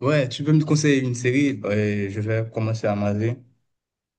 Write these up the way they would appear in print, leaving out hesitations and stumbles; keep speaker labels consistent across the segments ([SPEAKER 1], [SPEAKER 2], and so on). [SPEAKER 1] Ouais, tu peux me conseiller une série et je vais commencer à maser.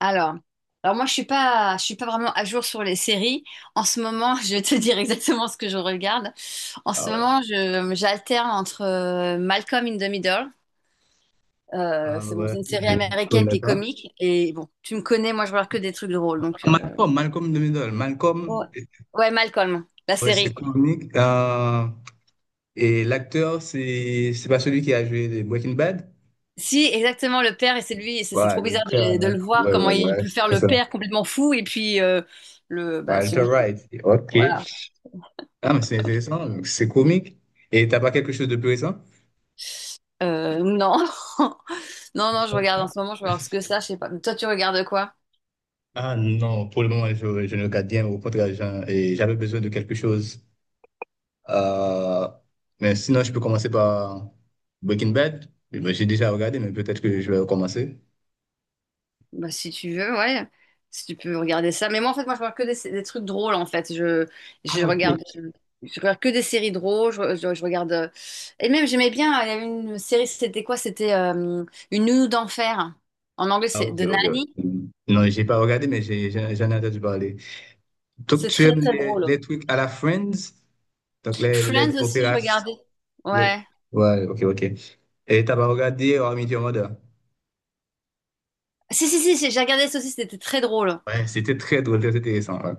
[SPEAKER 2] Alors, alors, moi je suis pas vraiment à jour sur les séries. En ce moment, je vais te dire exactement ce que je regarde. En
[SPEAKER 1] Ah
[SPEAKER 2] ce
[SPEAKER 1] ouais,
[SPEAKER 2] moment, j'alterne entre Malcolm in the Middle.
[SPEAKER 1] ah
[SPEAKER 2] C'est bon,
[SPEAKER 1] ouais,
[SPEAKER 2] c'est une série
[SPEAKER 1] je ne
[SPEAKER 2] américaine
[SPEAKER 1] connais
[SPEAKER 2] qui est
[SPEAKER 1] pas.
[SPEAKER 2] comique. Et bon, tu me connais, moi je regarde que des trucs drôles. Donc,
[SPEAKER 1] Malcolm de Middle. Malcolm,
[SPEAKER 2] ouais. Ouais, Malcolm, la
[SPEAKER 1] ouais, c'est
[SPEAKER 2] série.
[SPEAKER 1] comique. Et l'acteur, c'est pas celui qui a joué des Breaking Bad?
[SPEAKER 2] Si, exactement, le père, et c'est lui, et c'est
[SPEAKER 1] Ouais,
[SPEAKER 2] trop
[SPEAKER 1] le
[SPEAKER 2] bizarre de,
[SPEAKER 1] père,
[SPEAKER 2] le de
[SPEAKER 1] là.
[SPEAKER 2] le voir,
[SPEAKER 1] Ouais, ouais,
[SPEAKER 2] comment il
[SPEAKER 1] ouais,
[SPEAKER 2] peut faire
[SPEAKER 1] c'est
[SPEAKER 2] le
[SPEAKER 1] ça.
[SPEAKER 2] père complètement fou, et puis le, bah,
[SPEAKER 1] Walter
[SPEAKER 2] celui
[SPEAKER 1] Wright,
[SPEAKER 2] qui.
[SPEAKER 1] ok.
[SPEAKER 2] Voilà.
[SPEAKER 1] Ah, mais c'est intéressant, donc c'est comique. Et t'as pas quelque chose de plus récent?
[SPEAKER 2] Non. Non, non, je regarde en ce moment, je regarde ce que ça, je sais pas. Toi, tu regardes quoi?
[SPEAKER 1] Ah non, pour le moment, je ne regarde bien. Au contraire, et j'avais besoin de quelque chose. Euh, mais sinon, je peux commencer par Breaking Bad. Eh Ben, j'ai déjà regardé, mais peut-être que je vais recommencer.
[SPEAKER 2] Bah, si tu veux, ouais. Si tu peux regarder ça. Mais moi, en fait, moi, je regarde que des trucs drôles, en fait. Je
[SPEAKER 1] Ah, ok.
[SPEAKER 2] regarde, je regarde que des séries drôles. Je regarde. Et même, j'aimais bien, il y avait une série, c'était quoi? C'était Une nounou d'enfer. En anglais,
[SPEAKER 1] Ah,
[SPEAKER 2] c'est
[SPEAKER 1] ok,
[SPEAKER 2] The
[SPEAKER 1] ok.
[SPEAKER 2] Nanny.
[SPEAKER 1] Ouais. Non, j'ai pas regardé, mais j'en ai entendu parler. Donc,
[SPEAKER 2] C'est
[SPEAKER 1] tu
[SPEAKER 2] très,
[SPEAKER 1] aimes
[SPEAKER 2] très drôle.
[SPEAKER 1] les trucs à la Friends? Donc, les
[SPEAKER 2] Friends aussi, je
[SPEAKER 1] opéras.
[SPEAKER 2] regardais.
[SPEAKER 1] les-
[SPEAKER 2] Ouais.
[SPEAKER 1] Ouais, ok, ok. Et t'as pas regardé How I Met Your Mother?
[SPEAKER 2] Si, si, si, si, j'ai regardé ça aussi, c'était très drôle.
[SPEAKER 1] Ouais, c'était très drôle, très intéressant. Ouais.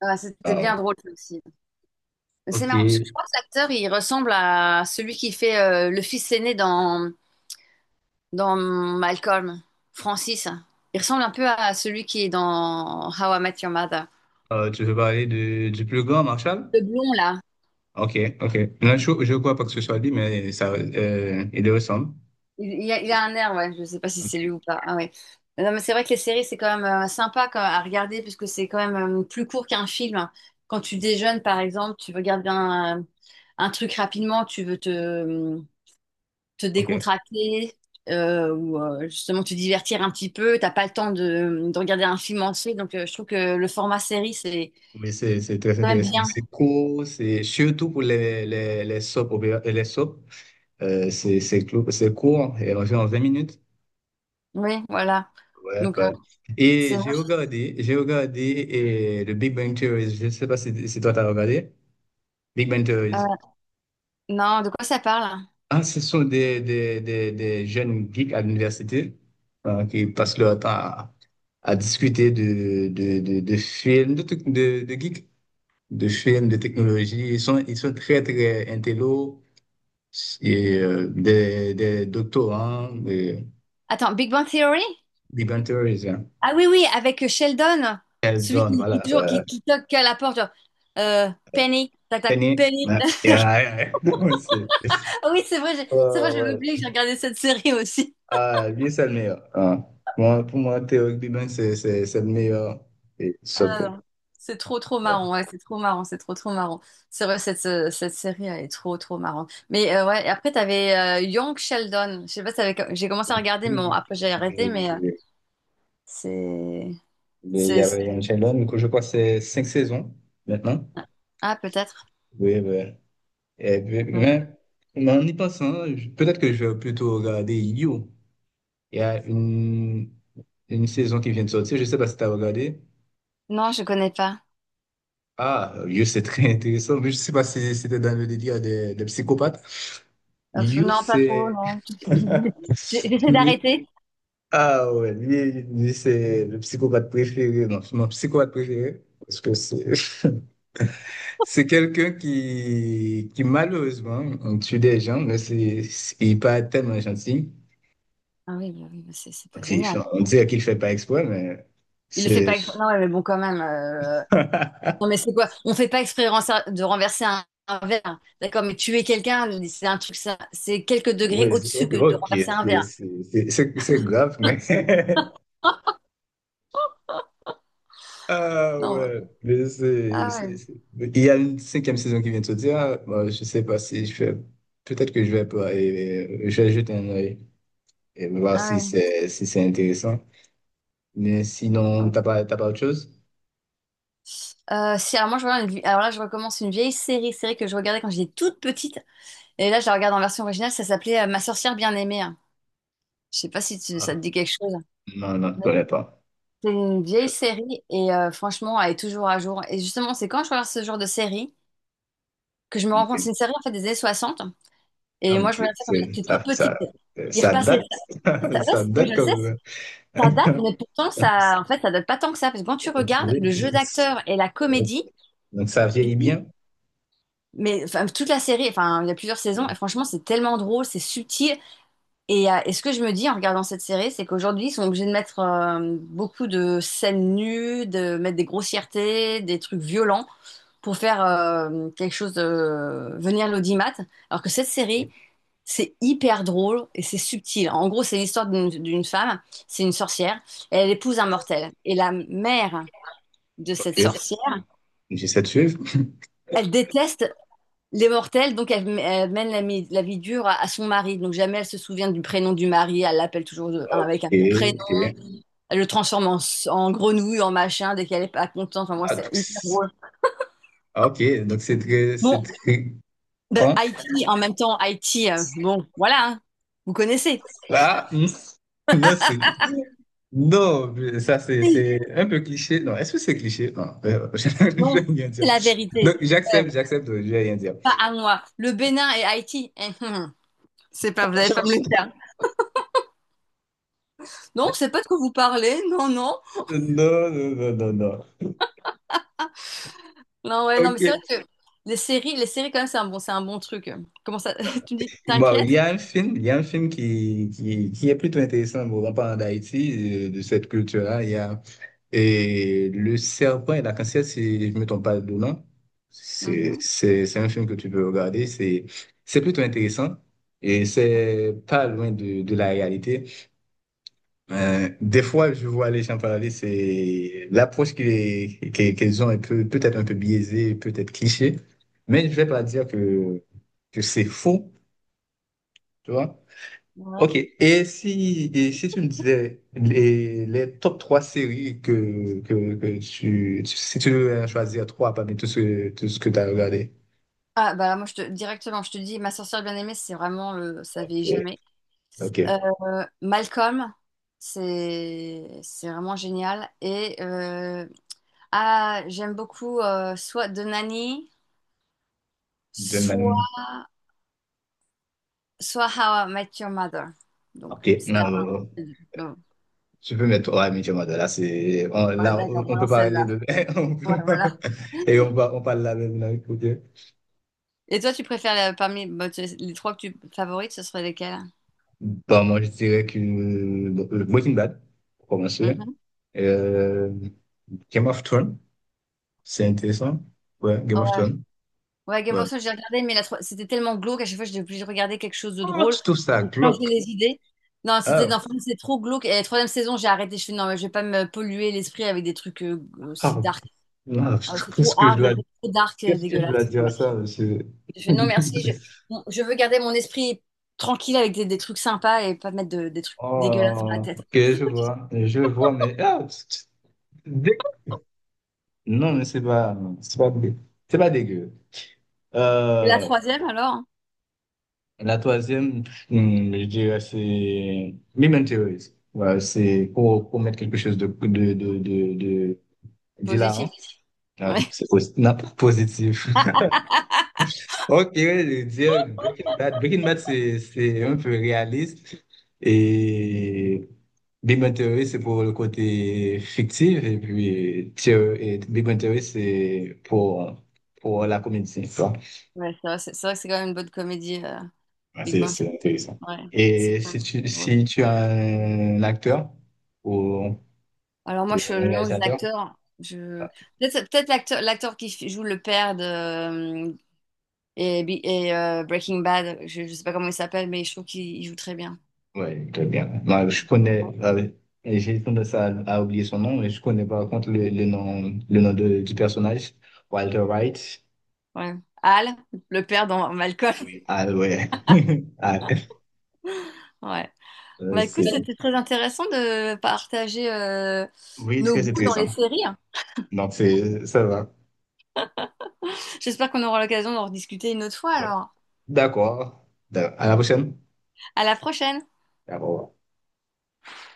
[SPEAKER 2] Ah, c'était
[SPEAKER 1] Ah,
[SPEAKER 2] bien drôle, ça aussi. C'est
[SPEAKER 1] ok.
[SPEAKER 2] marrant, parce que je crois que l'acteur, il ressemble à celui qui fait le fils aîné dans Malcolm, Francis. Il ressemble un peu à celui qui est dans How I Met Your Mother.
[SPEAKER 1] Tu veux parler de, du plus grand, Marshall?
[SPEAKER 2] Le blond, là.
[SPEAKER 1] Ok, ok. Là, je crois pas que ce soit lui, mais ça, il le ressemble.
[SPEAKER 2] Il a un air, ouais. Je sais pas si c'est lui
[SPEAKER 1] Ok,
[SPEAKER 2] ou pas. Ah ouais. Non, mais c'est vrai que les séries, c'est quand même sympa à regarder, puisque c'est quand même plus court qu'un film. Quand tu déjeunes, par exemple, tu regardes bien un, un truc rapidement, tu veux te
[SPEAKER 1] ok.
[SPEAKER 2] décontracter ou justement te divertir un petit peu. T'as pas le temps de regarder un film entier, donc je trouve que le format série, c'est
[SPEAKER 1] Mais c'est très
[SPEAKER 2] quand même
[SPEAKER 1] intéressant.
[SPEAKER 2] bien.
[SPEAKER 1] C'est court, c'est surtout pour les soap, les soap, c'est c'est court, et environ 20 minutes.
[SPEAKER 2] Oui, voilà.
[SPEAKER 1] Ouais,
[SPEAKER 2] Donc,
[SPEAKER 1] ouais.
[SPEAKER 2] c'est...
[SPEAKER 1] Et j'ai regardé et le Big Bang Theory. Je ne sais pas si, si toi t'as regardé. Big Bang Theory.
[SPEAKER 2] euh, non, de quoi ça parle?
[SPEAKER 1] Ah, ce sont des jeunes geeks à l'université qui passent leur temps à discuter de films, de, de geeks, de films, de technologie. Ils sont très, très intello, et, des doctorants, des
[SPEAKER 2] Attends, Big Bang Theory?
[SPEAKER 1] débentures, hein.
[SPEAKER 2] Ah oui, oui, avec Sheldon,
[SPEAKER 1] Elles
[SPEAKER 2] celui
[SPEAKER 1] donnent,
[SPEAKER 2] qui
[SPEAKER 1] voilà.
[SPEAKER 2] toujours qui toque à la porte, genre, Penny, tac, tac,
[SPEAKER 1] Tenez,
[SPEAKER 2] Penny.
[SPEAKER 1] ouais, ouais, ouais, ouais,
[SPEAKER 2] Ah oui, c'est vrai, c'est
[SPEAKER 1] ouais,
[SPEAKER 2] vrai, j'avais
[SPEAKER 1] ouais.
[SPEAKER 2] oublié que j'ai regardé cette série aussi.
[SPEAKER 1] Ah, lui, c'est le meilleur. Ah. Moi, pour moi, Théo Biban, c'est le meilleur. Et, ça,
[SPEAKER 2] Ah non, c'est trop trop
[SPEAKER 1] ouais.
[SPEAKER 2] marrant, ouais, c'est trop marrant, c'est trop trop marrant. C'est vrai, cette série, elle est trop trop marrante. Mais ouais, et après, t'avais Young Sheldon. Je sais pas si t'avais... J'ai commencé à regarder, mais bon,
[SPEAKER 1] Oui,
[SPEAKER 2] après j'ai arrêté, mais
[SPEAKER 1] je-
[SPEAKER 2] c'est...
[SPEAKER 1] mais il y
[SPEAKER 2] c'est...
[SPEAKER 1] avait une chaîne là, du coup, je crois que c'est cinq saisons maintenant.
[SPEAKER 2] Ah, peut-être.
[SPEAKER 1] Oui, oui. Et puis, mais en y pensant, peut-être que je vais plutôt regarder You. Il y a une saison qui vient de sortir, je ne sais pas si tu as regardé.
[SPEAKER 2] Non, je connais pas.
[SPEAKER 1] Ah, You, c'est très intéressant, mais je ne sais pas si c'était dans le délire des psychopathes. You,
[SPEAKER 2] Non, pas trop,
[SPEAKER 1] c'est.
[SPEAKER 2] non. J'essaie
[SPEAKER 1] lui-
[SPEAKER 2] d'arrêter.
[SPEAKER 1] Ah ouais, lui, c'est le psychopathe préféré, non, c'est mon psychopathe préféré. Parce que c'est quelqu'un qui malheureusement on tue des gens, mais il est pas tellement gentil.
[SPEAKER 2] Ah oui, bah c'est pas
[SPEAKER 1] Donc,
[SPEAKER 2] génial.
[SPEAKER 1] on dirait qu'il fait pas exprès, mais
[SPEAKER 2] Il le fait
[SPEAKER 1] c'est.
[SPEAKER 2] pas... Non, ouais, mais bon, quand même. Non, mais c'est quoi? On fait pas exprès de renverser un verre. D'accord, mais tuer quelqu'un, c'est un truc, ça, c'est quelques degrés
[SPEAKER 1] Oui,
[SPEAKER 2] au-dessus
[SPEAKER 1] ok,
[SPEAKER 2] que de
[SPEAKER 1] ok,
[SPEAKER 2] renverser un verre.
[SPEAKER 1] c'est grave, mais. Ah
[SPEAKER 2] Non.
[SPEAKER 1] ouais, mais
[SPEAKER 2] Ah ouais.
[SPEAKER 1] il y a une cinquième saison qui vient de sortir. Moi je sais pas si je vais. Peut-être que je vais pas. Et je vais jeter un œil et voir
[SPEAKER 2] Ah
[SPEAKER 1] si
[SPEAKER 2] ouais.
[SPEAKER 1] c'est si c'est intéressant. Mais sinon,
[SPEAKER 2] Ouais.
[SPEAKER 1] t'as pas autre chose?
[SPEAKER 2] Si, alors moi, je regarde alors là, je recommence une vieille série que je regardais quand j'étais toute petite. Et là, je la regarde en version originale. Ça s'appelait Ma sorcière bien-aimée, hein. Je sais pas si ça te dit quelque chose.
[SPEAKER 1] Non, non, je connais pas.
[SPEAKER 2] C'est une vieille série et franchement, elle est toujours à jour. Et justement, c'est quand je regarde ce genre de série que je me rends compte, c'est
[SPEAKER 1] Ok.
[SPEAKER 2] une série en fait des années 60.
[SPEAKER 1] Non,
[SPEAKER 2] Et
[SPEAKER 1] mais
[SPEAKER 2] moi, je regardais ça quand j'étais toute
[SPEAKER 1] ça,
[SPEAKER 2] petite.
[SPEAKER 1] ça,
[SPEAKER 2] Ils
[SPEAKER 1] ça
[SPEAKER 2] repassaient
[SPEAKER 1] date.
[SPEAKER 2] ça. Ouais,
[SPEAKER 1] Ça
[SPEAKER 2] oui,
[SPEAKER 1] date
[SPEAKER 2] je sais,
[SPEAKER 1] comme.
[SPEAKER 2] ça date, mais pourtant, ça, en fait, ça date pas tant que ça. Parce que quand tu
[SPEAKER 1] Ok.
[SPEAKER 2] regardes le jeu d'acteur et la comédie,
[SPEAKER 1] Donc ça
[SPEAKER 2] tu te
[SPEAKER 1] vieillit
[SPEAKER 2] dis,
[SPEAKER 1] bien.
[SPEAKER 2] mais enfin, toute la série, enfin, il y a plusieurs saisons, et franchement, c'est tellement drôle, c'est subtil. Et ce que je me dis en regardant cette série, c'est qu'aujourd'hui, ils sont obligés de mettre beaucoup de scènes nues, de mettre des grossièretés, des trucs violents pour faire quelque chose de venir l'audimat. Alors que cette série,
[SPEAKER 1] Ok.
[SPEAKER 2] c'est hyper drôle et c'est subtil. En gros, c'est l'histoire d'une femme, c'est une sorcière, et elle épouse un mortel. Et la mère de
[SPEAKER 1] Ok.
[SPEAKER 2] cette sorcière,
[SPEAKER 1] J'essaie de suivre.
[SPEAKER 2] elle déteste les mortels, donc elle mène la vie dure à son mari. Donc jamais elle se souvient du prénom du mari, elle l'appelle toujours hein, avec
[SPEAKER 1] Ok,
[SPEAKER 2] un autre prénom.
[SPEAKER 1] ok.
[SPEAKER 2] Elle le transforme en grenouille, en machin, dès qu'elle est pas contente. Enfin, moi,
[SPEAKER 1] Ah,
[SPEAKER 2] c'est hyper drôle.
[SPEAKER 1] ah, ok, donc c'est
[SPEAKER 2] Bon,
[SPEAKER 1] très
[SPEAKER 2] De
[SPEAKER 1] con.
[SPEAKER 2] IT, en même temps, Haïti bon, voilà, hein, vous connaissez.
[SPEAKER 1] Ah, non, c'est. Non, mais ça c'est un peu cliché. Non, est-ce que c'est cliché? Non, je vais
[SPEAKER 2] Non,
[SPEAKER 1] rien
[SPEAKER 2] c'est
[SPEAKER 1] dire.
[SPEAKER 2] la vérité.
[SPEAKER 1] Donc
[SPEAKER 2] Euh,
[SPEAKER 1] j'accepte, j'accepte, je vais rien dire.
[SPEAKER 2] Pas à moi. Le Bénin et Haïti, c'est pas, vous allez pas me le faire. Non, c'est pas de quoi vous parlez. Non, non.
[SPEAKER 1] Non, non, non, non, non.
[SPEAKER 2] Non, ouais, non, mais
[SPEAKER 1] Ok.
[SPEAKER 2] c'est vrai que les séries quand même, c'est un bon truc. Comment ça, tu me dis,
[SPEAKER 1] Bon, il
[SPEAKER 2] t'inquiète.
[SPEAKER 1] y a un film, il y a un film qui est plutôt intéressant, bon, en parlant d'Haïti, de cette culture-là. Il y a et Le Serpent et la Cancière, si je ne me trompe pas de nom.
[SPEAKER 2] Mhm,
[SPEAKER 1] C'est un film que tu peux regarder. C'est plutôt intéressant et c'est pas loin de la réalité. Des fois, je vois les gens parler, c'est l'approche qu'ils ont est peut-être un peu biaisée, peut-être cliché, mais je ne vais pas dire que c'est faux, tu vois.
[SPEAKER 2] ouais.
[SPEAKER 1] Ok, et si tu me disais les top 3 séries que tu, si tu devais choisir trois parmi tout ce que tu as regardé.
[SPEAKER 2] Ah bah moi je te directement, je te dis, ma sorcière bien-aimée, c'est vraiment le, ça
[SPEAKER 1] Ok,
[SPEAKER 2] vieillit jamais.
[SPEAKER 1] ok.
[SPEAKER 2] Euh, Malcolm, c'est vraiment génial et ah, j'aime beaucoup soit The Nanny, soit,
[SPEAKER 1] Donne.
[SPEAKER 2] soit How I Met Your Mother. Donc,
[SPEAKER 1] Ok,
[SPEAKER 2] c'est un...
[SPEAKER 1] non.
[SPEAKER 2] donc,
[SPEAKER 1] Tu peux mettre, ouais, mais tu vois, là, c'est, on,
[SPEAKER 2] ouais,
[SPEAKER 1] là,
[SPEAKER 2] d'accord,
[SPEAKER 1] on
[SPEAKER 2] bon,
[SPEAKER 1] on peut
[SPEAKER 2] alors
[SPEAKER 1] parler
[SPEAKER 2] celle-là.
[SPEAKER 1] de,
[SPEAKER 2] Ouais, voilà.
[SPEAKER 1] et on, on parle la même langue, pour Dieu.
[SPEAKER 2] Et toi, tu préfères parmi bah, les trois que tu favorites, ce serait lesquels?
[SPEAKER 1] Bon, moi, je dirais que, bon, Breaking Bad, pour commencer.
[SPEAKER 2] Mhm.
[SPEAKER 1] Euh, Game of Thrones, c'est intéressant. Ouais, Game
[SPEAKER 2] Ouais.
[SPEAKER 1] of Thrones.
[SPEAKER 2] Ouais, Game
[SPEAKER 1] Ouais.
[SPEAKER 2] of Thrones, j'ai regardé, mais c'était tellement glauque, à chaque fois, j'étais obligée de regarder quelque chose de
[SPEAKER 1] Oh,
[SPEAKER 2] drôle.
[SPEAKER 1] tu trouves ça
[SPEAKER 2] Donc, changer
[SPEAKER 1] glauque.
[SPEAKER 2] les idées. Non, c'était
[SPEAKER 1] Ah,
[SPEAKER 2] non, franchement, c'est trop glauque. Et la troisième saison, j'ai arrêté. Je fais non, mais je vais pas me polluer l'esprit avec des trucs aussi
[SPEAKER 1] ah,
[SPEAKER 2] dark.
[SPEAKER 1] ah,
[SPEAKER 2] Ah, c'est
[SPEAKER 1] qu'est-ce
[SPEAKER 2] trop
[SPEAKER 1] que je
[SPEAKER 2] hard,
[SPEAKER 1] dois,
[SPEAKER 2] c'est trop dark,
[SPEAKER 1] qu'est-ce que je dois
[SPEAKER 2] dégueulasse.
[SPEAKER 1] dire à
[SPEAKER 2] Dommage.
[SPEAKER 1] ça, monsieur?
[SPEAKER 2] Je fais non, merci. Je, bon, je veux garder mon esprit tranquille avec des trucs sympas et pas mettre des trucs dégueulasses dans la
[SPEAKER 1] Oh,
[SPEAKER 2] tête.
[SPEAKER 1] ok, je vois, mais ah, dès non, mais c'est pas, c'est pas dégueu.
[SPEAKER 2] Et la
[SPEAKER 1] Euh,
[SPEAKER 2] troisième, alors? Hein,
[SPEAKER 1] la troisième, hmm, je dirais, c'est Mime Theories. Ouais, c'est pour mettre quelque chose de d'hilarant.
[SPEAKER 2] positif.
[SPEAKER 1] Ouais,
[SPEAKER 2] Ouais.
[SPEAKER 1] non, positif. Ok, ouais, je veux dire Breaking Bad. Breaking Bad, c'est un peu réaliste. Et Big Bang Theory, c'est pour le côté fictif. Et puis, Big Bang Theory, c'est pour la comédie.
[SPEAKER 2] Ouais, c'est vrai, c'est vrai que c'est quand même une bonne comédie,
[SPEAKER 1] Ah,
[SPEAKER 2] Big
[SPEAKER 1] c'est
[SPEAKER 2] Bang
[SPEAKER 1] c'est
[SPEAKER 2] Theory.
[SPEAKER 1] intéressant.
[SPEAKER 2] Ouais, c'est
[SPEAKER 1] Et
[SPEAKER 2] quand
[SPEAKER 1] si
[SPEAKER 2] même
[SPEAKER 1] tu,
[SPEAKER 2] drôle.
[SPEAKER 1] si tu as un acteur ou,
[SPEAKER 2] Alors moi,
[SPEAKER 1] ou
[SPEAKER 2] je,
[SPEAKER 1] un
[SPEAKER 2] le nom des
[SPEAKER 1] réalisateur,
[SPEAKER 2] acteurs, je... Peut-être l'acteur qui joue le père de... et, Breaking Bad, je sais pas comment il s'appelle, mais je trouve qu'il il joue très bien.
[SPEAKER 1] ouais, très bien. Moi, je connais, et j'ai tendance à oublier son nom, mais je connais par contre le nom, du personnage, Walter White.
[SPEAKER 2] Ouais. Al, le père dans Malcolm.
[SPEAKER 1] Oui. Ah ouais. Ah,
[SPEAKER 2] Ouais.
[SPEAKER 1] euh,
[SPEAKER 2] Bah
[SPEAKER 1] c'est-
[SPEAKER 2] écoute, c'était très intéressant de partager
[SPEAKER 1] oui,
[SPEAKER 2] nos
[SPEAKER 1] très
[SPEAKER 2] goûts dans
[SPEAKER 1] intéressant.
[SPEAKER 2] les séries.
[SPEAKER 1] Donc, c'est, ça va.
[SPEAKER 2] J'espère qu'on aura l'occasion d'en rediscuter une autre fois
[SPEAKER 1] Donc,
[SPEAKER 2] alors.
[SPEAKER 1] d'accord. À la prochaine.
[SPEAKER 2] À la prochaine!
[SPEAKER 1] D'accord.